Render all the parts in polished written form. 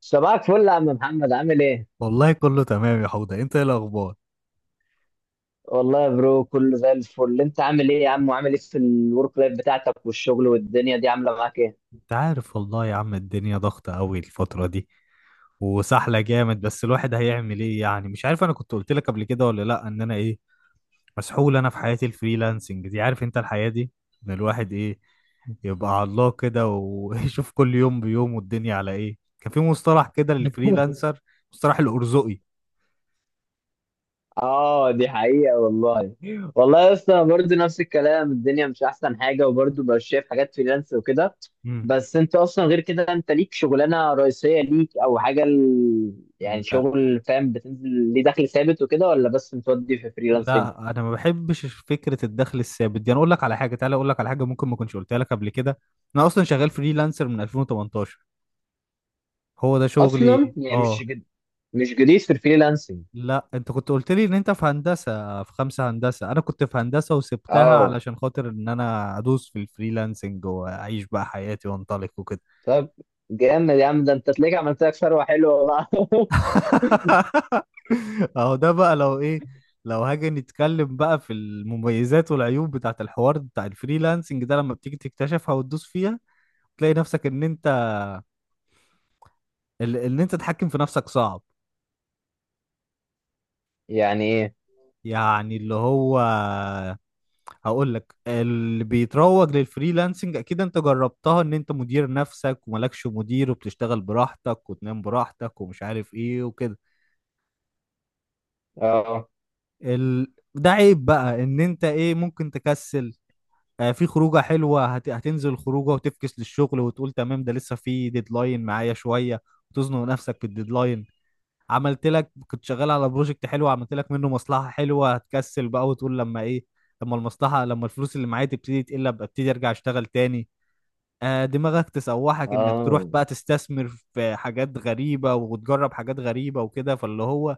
صباحك فل يا عم محمد، عامل ايه؟ والله كله تمام يا حوضة، انت ايه الاخبار؟ والله يا برو كله زي الفل، انت عامل ايه يا عم، وعامل ايه في الورك لايف بتاعتك والشغل؟ والدنيا دي عامله معاك ايه؟ انت عارف والله يا عم، الدنيا ضغطة قوي الفترة دي وسحلة جامد، بس الواحد هيعمل ايه يعني؟ مش عارف، انا كنت قلت لك قبل كده ولا لا ان انا ايه مسحول انا في حياتي الفريلانسنج دي. عارف انت الحياة دي، ان الواحد ايه يبقى على الله كده ويشوف كل يوم بيوم الدنيا على ايه. كان في مصطلح كده للفريلانسر، مصطلح الارزقي. اه، دي حقيقة والله. والله يا اسطى، أنا برضه نفس الكلام، الدنيا مش احسن حاجة، وبرضه بقى شايف حاجات فريلانس وكده. بس انت اصلا غير كده، انت ليك شغلانة رئيسية ليك او حاجة امم. يعني شغل، فاهم، بتنزل ليه دخل ثابت وكده، ولا بس متودي في فريلانسنج؟ لا انا ما بحبش فكره الدخل الثابت دي، انا اقول لك على حاجه، تعالى اقول لك على حاجه ممكن ما كنتش قلتها لك قبل كده. انا اصلا شغال فريلانسر من 2018، هو ده اصلا شغلي، يعني اه. مش جديد في الفريلانسنج. لا انت كنت قلت لي ان انت في هندسه، في خمسه هندسه، انا كنت في هندسه وسبتها اه، علشان خاطر ان انا ادوس في الفريلانسنج واعيش بقى حياتي وانطلق وكده. طب جامد يا عم، ده انت تلاقيك عملت لك ثروة حلوة بقى. اهو ده بقى لو ايه، لو هاجي نتكلم بقى في المميزات والعيوب بتاعت الحوار بتاع الفريلانسنج ده، لما بتيجي تكتشفها وتدوس فيها تلاقي نفسك ان انت ان انت تتحكم في نفسك صعب. يعني ايه؟ يعني اللي هو، هقول لك اللي بيتروج للفريلانسنج اكيد انت جربتها، ان انت مدير نفسك وملكش مدير وبتشتغل براحتك وتنام براحتك ومش عارف ايه وكده. اه ده عيب بقى ان انت ايه ممكن تكسل. في خروجه حلوه، هتنزل خروجه وتفكس للشغل وتقول تمام ده لسه في ديدلاين معايا شويه وتزنق نفسك في الديدلاين. عملت لك، كنت شغال على بروجكت حلو، عملت لك منه مصلحة حلوة، هتكسل بقى وتقول لما ايه، لما المصلحة، لما الفلوس اللي معايا تبتدي تقل ابقى ابتدي ارجع اشتغل تاني. دماغك تسوحك انك تروح اه. بقى تستثمر في حاجات غريبة وتجرب حاجات غريبة وكده، فاللي هو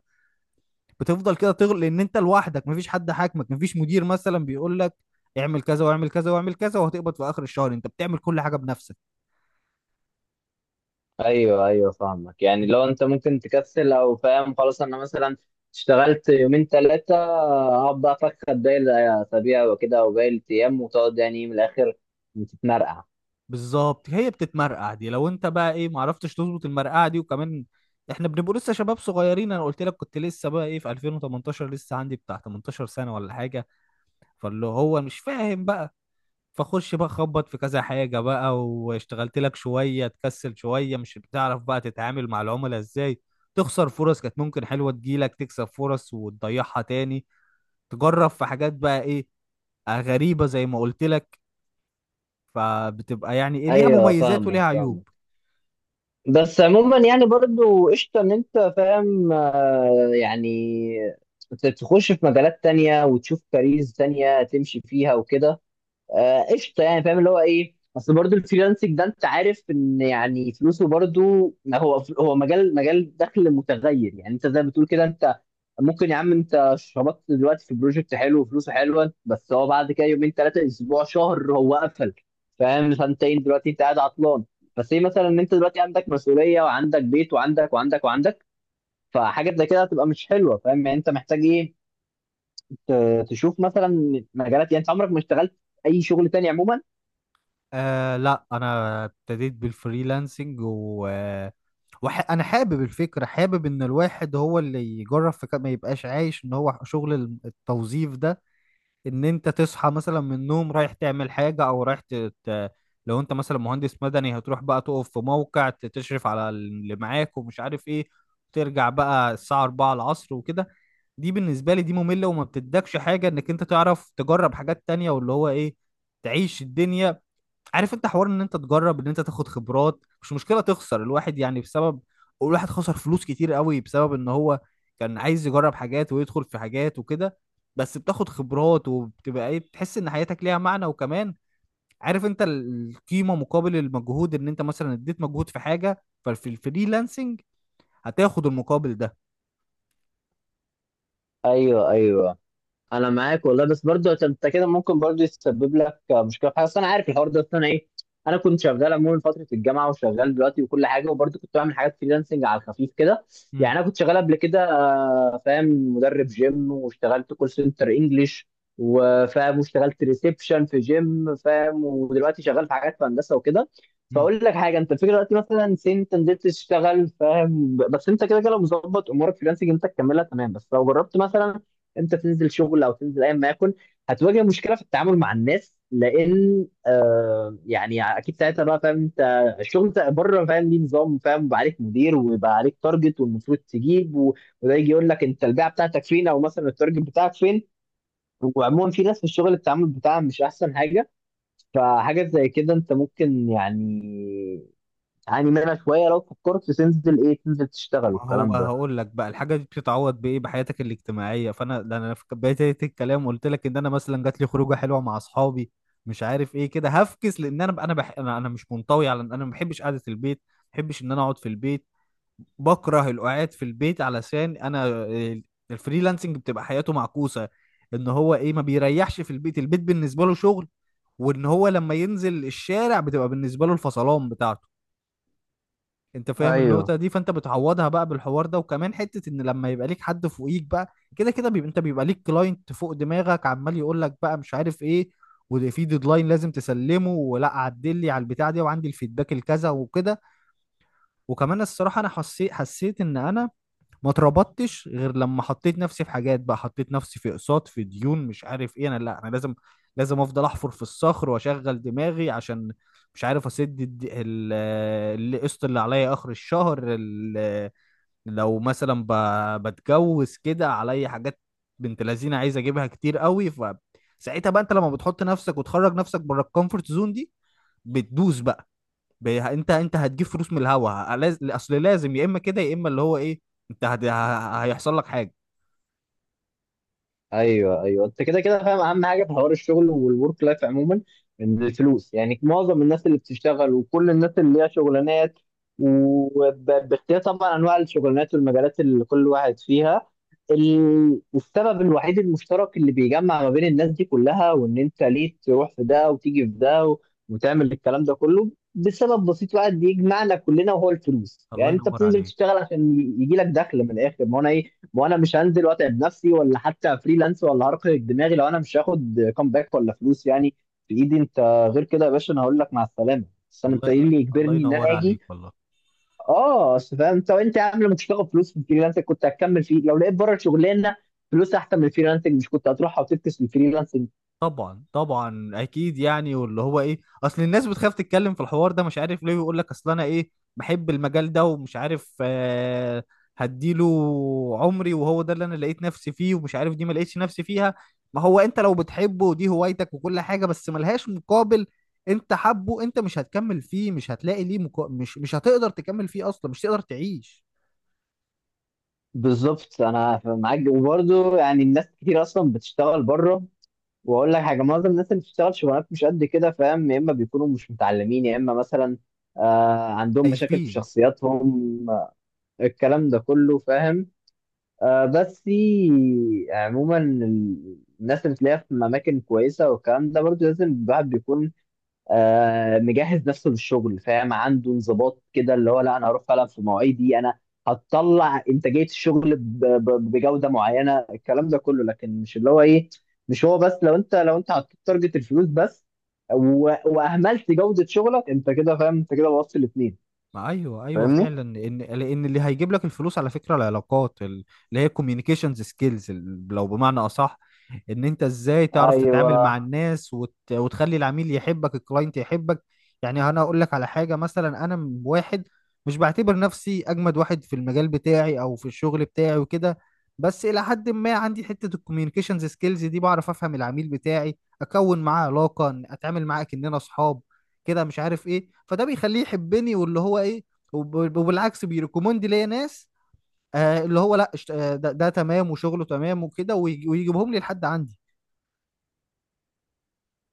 بتفضل كده تغل لان انت لوحدك، مفيش حد حاكمك، مفيش مدير مثلا بيقول لك اعمل كذا واعمل كذا واعمل كذا وهتقبض في اخر الشهر، انت بتعمل كل حاجة بنفسك. ايوه ايوه، فاهمك، يعني لو انت ممكن تكسل او فاهم، خلاص انا مثلا اشتغلت يومين ثلاثة، اقعد بقى افكر باقي الاسابيع وكده وباقي الايام، وتقعد يعني إيه، من الاخر بتتمرقع. بالظبط، هي بتتمرقع دي. لو انت بقى ايه معرفتش تظبط المرقعه دي، وكمان احنا بنبقى لسه شباب صغيرين، انا قلت لك كنت لسه بقى ايه في 2018 لسه عندي بتاع 18 سنه ولا حاجه، فاللي هو مش فاهم بقى. فخش بقى خبط في كذا حاجه بقى واشتغلت لك شويه، تكسل شويه، مش بتعرف بقى تتعامل مع العملاء ازاي، تخسر فرص كانت ممكن حلوه تجيلك، تكسب فرص وتضيعها تاني، تجرب في حاجات بقى ايه غريبه زي ما قلت لك، فبتبقى يعني ايه ليها ايوه، مميزات فاهمك وليها عيوب. فاهمك. بس عموما يعني برضو قشطة ان انت فاهم، يعني تخش في مجالات تانية وتشوف كاريرز تانية تمشي فيها وكده. قشطه، يعني فاهم اللي هو ايه، اصل برضو الفريلانسنج ده انت عارف ان يعني فلوسه، برضو هو مجال دخل متغير. يعني انت زي ما بتقول كده، انت ممكن يا عم انت شبطت دلوقتي في بروجكت حلو وفلوسه حلوه، بس هو بعد كده يومين ثلاثه اسبوع شهر هو قفل، فاهم، سنتين دلوقتي انت قاعد عطلان. بس ايه مثلا ان انت دلوقتي عندك مسؤوليه وعندك بيت وعندك وعندك وعندك، فحاجه زي كده هتبقى مش حلوه، فاهم، يعني انت محتاج ايه، تشوف مثلا مجالات، يعني انت عمرك ما اشتغلت اي شغل تاني عموما. لا انا ابتديت بالفريلانسنج و انا حابب الفكره، حابب ان الواحد هو اللي يجرب في كده ما يبقاش عايش ان هو شغل التوظيف ده، ان انت تصحى مثلا من النوم رايح تعمل حاجه او رايح لو انت مثلا مهندس مدني هتروح بقى تقف في موقع تشرف على اللي معاك ومش عارف ايه، ترجع بقى الساعه 4 العصر وكده. دي بالنسبه لي دي ممله وما بتدكش حاجه انك انت تعرف تجرب حاجات تانية، واللي هو ايه تعيش الدنيا. عارف انت حوار ان انت تجرب، ان انت تاخد خبرات، مش مشكله تخسر، الواحد يعني بسبب، الواحد خسر فلوس كتير قوي بسبب ان هو كان عايز يجرب حاجات ويدخل في حاجات وكده، بس بتاخد خبرات وبتبقى ايه بتحس ان حياتك ليها معنى. وكمان عارف انت القيمه مقابل المجهود، ان انت مثلا اديت مجهود في حاجه، ففي الفريلانسنج هتاخد المقابل ده. ايوه ايوه، انا معاك والله، بس برضو انت كده ممكن برضو يسبب لك مشكله في حاجه. اصل انا عارف الحوار ده، اصل انا ايه، انا كنت شغال عموما فتره الجامعه وشغال دلوقتي وكل حاجه، وبرضو كنت بعمل حاجات فريلانسنج على الخفيف كده. مم. يعني انا كنت شغال قبل كده، فاهم، مدرب جيم، واشتغلت كول سنتر انجلش، وفاهم واشتغلت ريسبشن في جيم، فاهم، ودلوقتي شغال في حاجات في هندسه وكده. مم. فاقول لك حاجه، انت الفكره دلوقتي مثلا سن انت نزلت تشتغل، فاهم، بس انت كده كده لو مظبط امورك فريلانسنج انت تكملها تمام، بس لو جربت مثلا امتى تنزل شغل او تنزل ايا ما يكن، هتواجه مشكله في التعامل مع الناس، لان يعني اكيد ساعتها بقى، فاهم، انت الشغل بتاع بره، فاهم، ليه نظام، فاهم، بقى عليك مدير ويبقى عليك تارجت، والمفروض تجيب وده يجي يقول لك انت البيعه بتاعتك فين، او مثلا التارجت بتاعك فين. وعموما في ناس في الشغل التعامل بتاعها مش احسن حاجه، فحاجه زي كده انت ممكن يعني تعاني منها شويه لو فكرت تنزل ايه، تنزل تشتغل ما هو والكلام ده. هقول لك بقى الحاجه دي بتتعوض بايه؟ بحياتك الاجتماعيه. فانا ده انا في بدايه الكلام قلت لك ان انا مثلا جات لي خروجه حلوه مع اصحابي، مش عارف ايه كده، هفكس. لان انا أنا مش منطوي، على انا ما بحبش قعده البيت، ما بحبش ان انا اقعد في البيت، بكره القعاد في البيت. علشان انا الفريلانسنج بتبقى حياته معكوسه، ان هو ايه ما بيريحش في البيت، البيت بالنسبه له شغل، وان هو لما ينزل الشارع بتبقى بالنسبه له الفصلان بتاعته. انت فاهم ايوه النقطة دي، فانت بتعوضها بقى بالحوار ده، وكمان حتة ان لما يبقى ليك حد فوقيك بقى كده كده، بيبقى انت بيبقى ليك كلاينت فوق دماغك عمال يقول لك بقى مش عارف ايه، وده في ديدلاين لازم تسلمه، ولا عدل لي على البتاع دي وعندي الفيدباك الكذا وكده. وكمان الصراحة انا حسيت ان انا ما اتربطتش غير لما حطيت نفسي في حاجات بقى، حطيت نفسي في اقساط، في ديون، مش عارف ايه. انا لا انا لازم افضل احفر في الصخر واشغل دماغي عشان مش عارف اسد القسط اللي عليا اخر الشهر، لو مثلا بتجوز كده عليا حاجات، بنت لذينه عايز اجيبها كتير قوي. فساعتها بقى انت لما بتحط نفسك وتخرج نفسك بره الكومفورت زون دي بتدوس بقى، انت هتجيب فلوس من الهوا، اصل لازم، يا اما كده يا اما اللي هو ايه انت هيحصل لك حاجه. ايوه ايوه، انت كده كده فاهم اهم حاجه في حوار الشغل والورك لايف عموما، ان الفلوس يعني معظم الناس اللي بتشتغل وكل الناس اللي ليها شغلانات، وباختيار طبعا انواع الشغلانات والمجالات اللي كل واحد فيها، السبب الوحيد المشترك اللي بيجمع ما بين الناس دي كلها، وان انت ليه تروح في ده وتيجي في ده وتعمل الكلام ده كله، بسبب بسيط واحد بيجمعنا كلنا وهو الفلوس. الله يعني انت ينور بتنزل عليك تشتغل عشان يجي لك دخل، من الاخر ما هو انا إيه، وانا مش هنزل واتعب نفسي، ولا حتى فريلانس ولا هرق دماغي لو انا مش هاخد كومباك ولا فلوس يعني في ايدي انت. غير كده يا باشا انا هقول لك مع السلامه، بس انا انت والله. إيه لا. اللي الله يجبرني ان انا ينور عليك اجي؟ والله. اه، اصل فاهم انت، وانت يا عم لما مش هتاخد فلوس في الفريلانس كنت هتكمل فيه؟ لو لقيت بره الشغلانه فلوس احسن من الفريلانسنج، مش كنت هتروحها وتفكس في الفريلانسنج؟ طبعا طبعا اكيد يعني، واللي هو ايه اصل الناس بتخاف تتكلم في الحوار ده مش عارف ليه، ويقول لك اصل انا ايه بحب المجال ده ومش عارف، هديله عمري، وهو ده اللي انا لقيت نفسي فيه، ومش عارف دي ما لقيتش نفسي فيها. ما هو انت لو بتحبه ودي هوايتك وكل حاجة بس ملهاش مقابل، انت حبه انت مش هتكمل فيه، مش هتلاقي ليه مش هتقدر تكمل فيه اصلا، مش هتقدر تعيش. بالظبط، انا معاك. وبرده يعني الناس كتير اصلا بتشتغل بره، واقول لك حاجه، معظم الناس اللي بتشتغل شغلانات مش قد كده، فاهم، يا اما بيكونوا مش متعلمين، يا اما مثلا عندهم مشاكل في خايفين. شخصياتهم، الكلام ده كله، فاهم. بس عموما الناس اللي تلاقيها في اماكن كويسه، والكلام ده برضو لازم الواحد بيكون مجهز نفسه للشغل، فاهم، عنده انضباط كده اللي هو لا انا هروح فعلا في مواعيدي، انا هتطلع انتاجيه الشغل بجوده معينه، الكلام ده كله، لكن مش اللي هو ايه، مش هو بس. لو انت حطيت تارجت الفلوس بس واهملت جوده شغلك، انت كده فاهم، انت كده بوظت الاثنين. ما ايوه ايوه فاهمني؟ فعلا ان، لان اللي هيجيب لك الفلوس على فكره العلاقات، اللي هي كوميونيكيشنز سكيلز لو بمعنى اصح، ان انت ازاي تعرف ايوه، تتعامل مع الناس وتخلي العميل يحبك، الكلاينت يحبك. يعني انا اقول لك على حاجه، مثلا انا واحد مش بعتبر نفسي اجمد واحد في المجال بتاعي او في الشغل بتاعي وكده، بس الى حد ما عندي حته الكوميونيكيشنز سكيلز دي، بعرف افهم العميل بتاعي، اكون معاه علاقه، اتعامل معاه كاننا اصحاب كده مش عارف ايه، فده بيخليه يحبني، واللي هو ايه وبالعكس بيريكومند ليا ناس. اللي هو لا، ده تمام وشغله تمام وكده، ويجيبهم لي لحد عندي.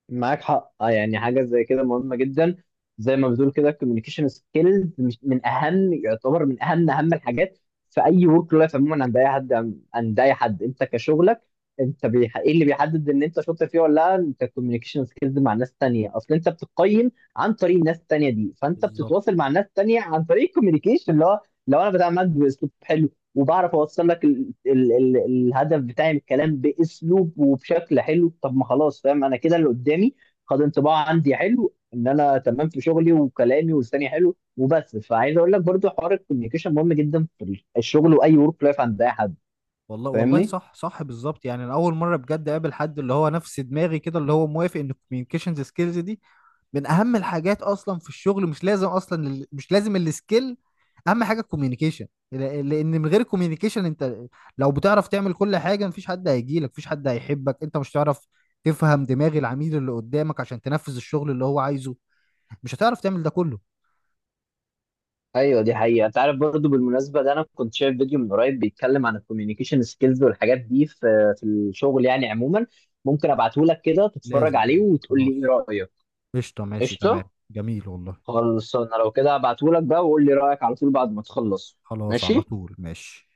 معاك حق، يعني حاجه زي كده مهمه جدا. زي ما بتقول كده الكوميونيكيشن سكيلز مش من اهم، يعتبر من اهم الحاجات في اي ورك لايف عموما عند اي حد، عند اي حد انت كشغلك، انت ايه اللي بيحدد ان انت شاطر فيه ولا لا، انت الكوميونيكيشن سكيلز مع ناس تانية، اصل انت بتقيم عن طريق الناس التانية دي، فانت بالظبط. بتتواصل مع ناس تانية عن طريق الكوميونيكيشن اللي هو لو انا بتعامل معاك باسلوب حلو، وبعرف اوصل لك ال الهدف بتاعي من الكلام باسلوب وبشكل حلو، طب ما خلاص، فاهم انا كده اللي قدامي خد انطباع عندي حلو ان انا تمام في شغلي وكلامي والثاني حلو وبس. فعايز اقول لك برضو حوار الكوميونيكيشن مهم جدا في الشغل واي ورك لايف عند اي حد. والله والله، فاهمني؟ صح صح بالظبط. يعني انا اول مره بجد اقابل حد اللي هو نفس دماغي كده، اللي هو موافق ان الكوميونيكيشنز سكيلز دي من اهم الحاجات اصلا في الشغل. مش لازم اصلا مش لازم السكيل، اهم حاجه الكوميونيكيشن. لان من غير الكوميونيكيشن انت لو بتعرف تعمل كل حاجه، مفيش حد هيجيلك، مفيش حد هيحبك، انت مش هتعرف تفهم دماغ العميل اللي قدامك عشان تنفذ الشغل اللي هو عايزه، مش هتعرف تعمل ده كله. ايوه دي حقيقه، انت عارف برضو بالمناسبه ده انا كنت شايف فيديو من قريب بيتكلم عن الكوميونيكيشن سكيلز والحاجات دي في الشغل يعني عموما، ممكن ابعته لك كده تتفرج لازم، عليه ماشي، وتقول لي ايه خلاص. رايك. قشطه، ماشي تمام، قشطه. جميل والله. خلص انا لو كده هبعتهولك بقى، وقول لي رأيك على طول بعد ما تخلص. خلاص، على ماشي. طول ماشي.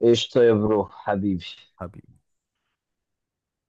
قشطة يا برو، حبيبي. حبيبي.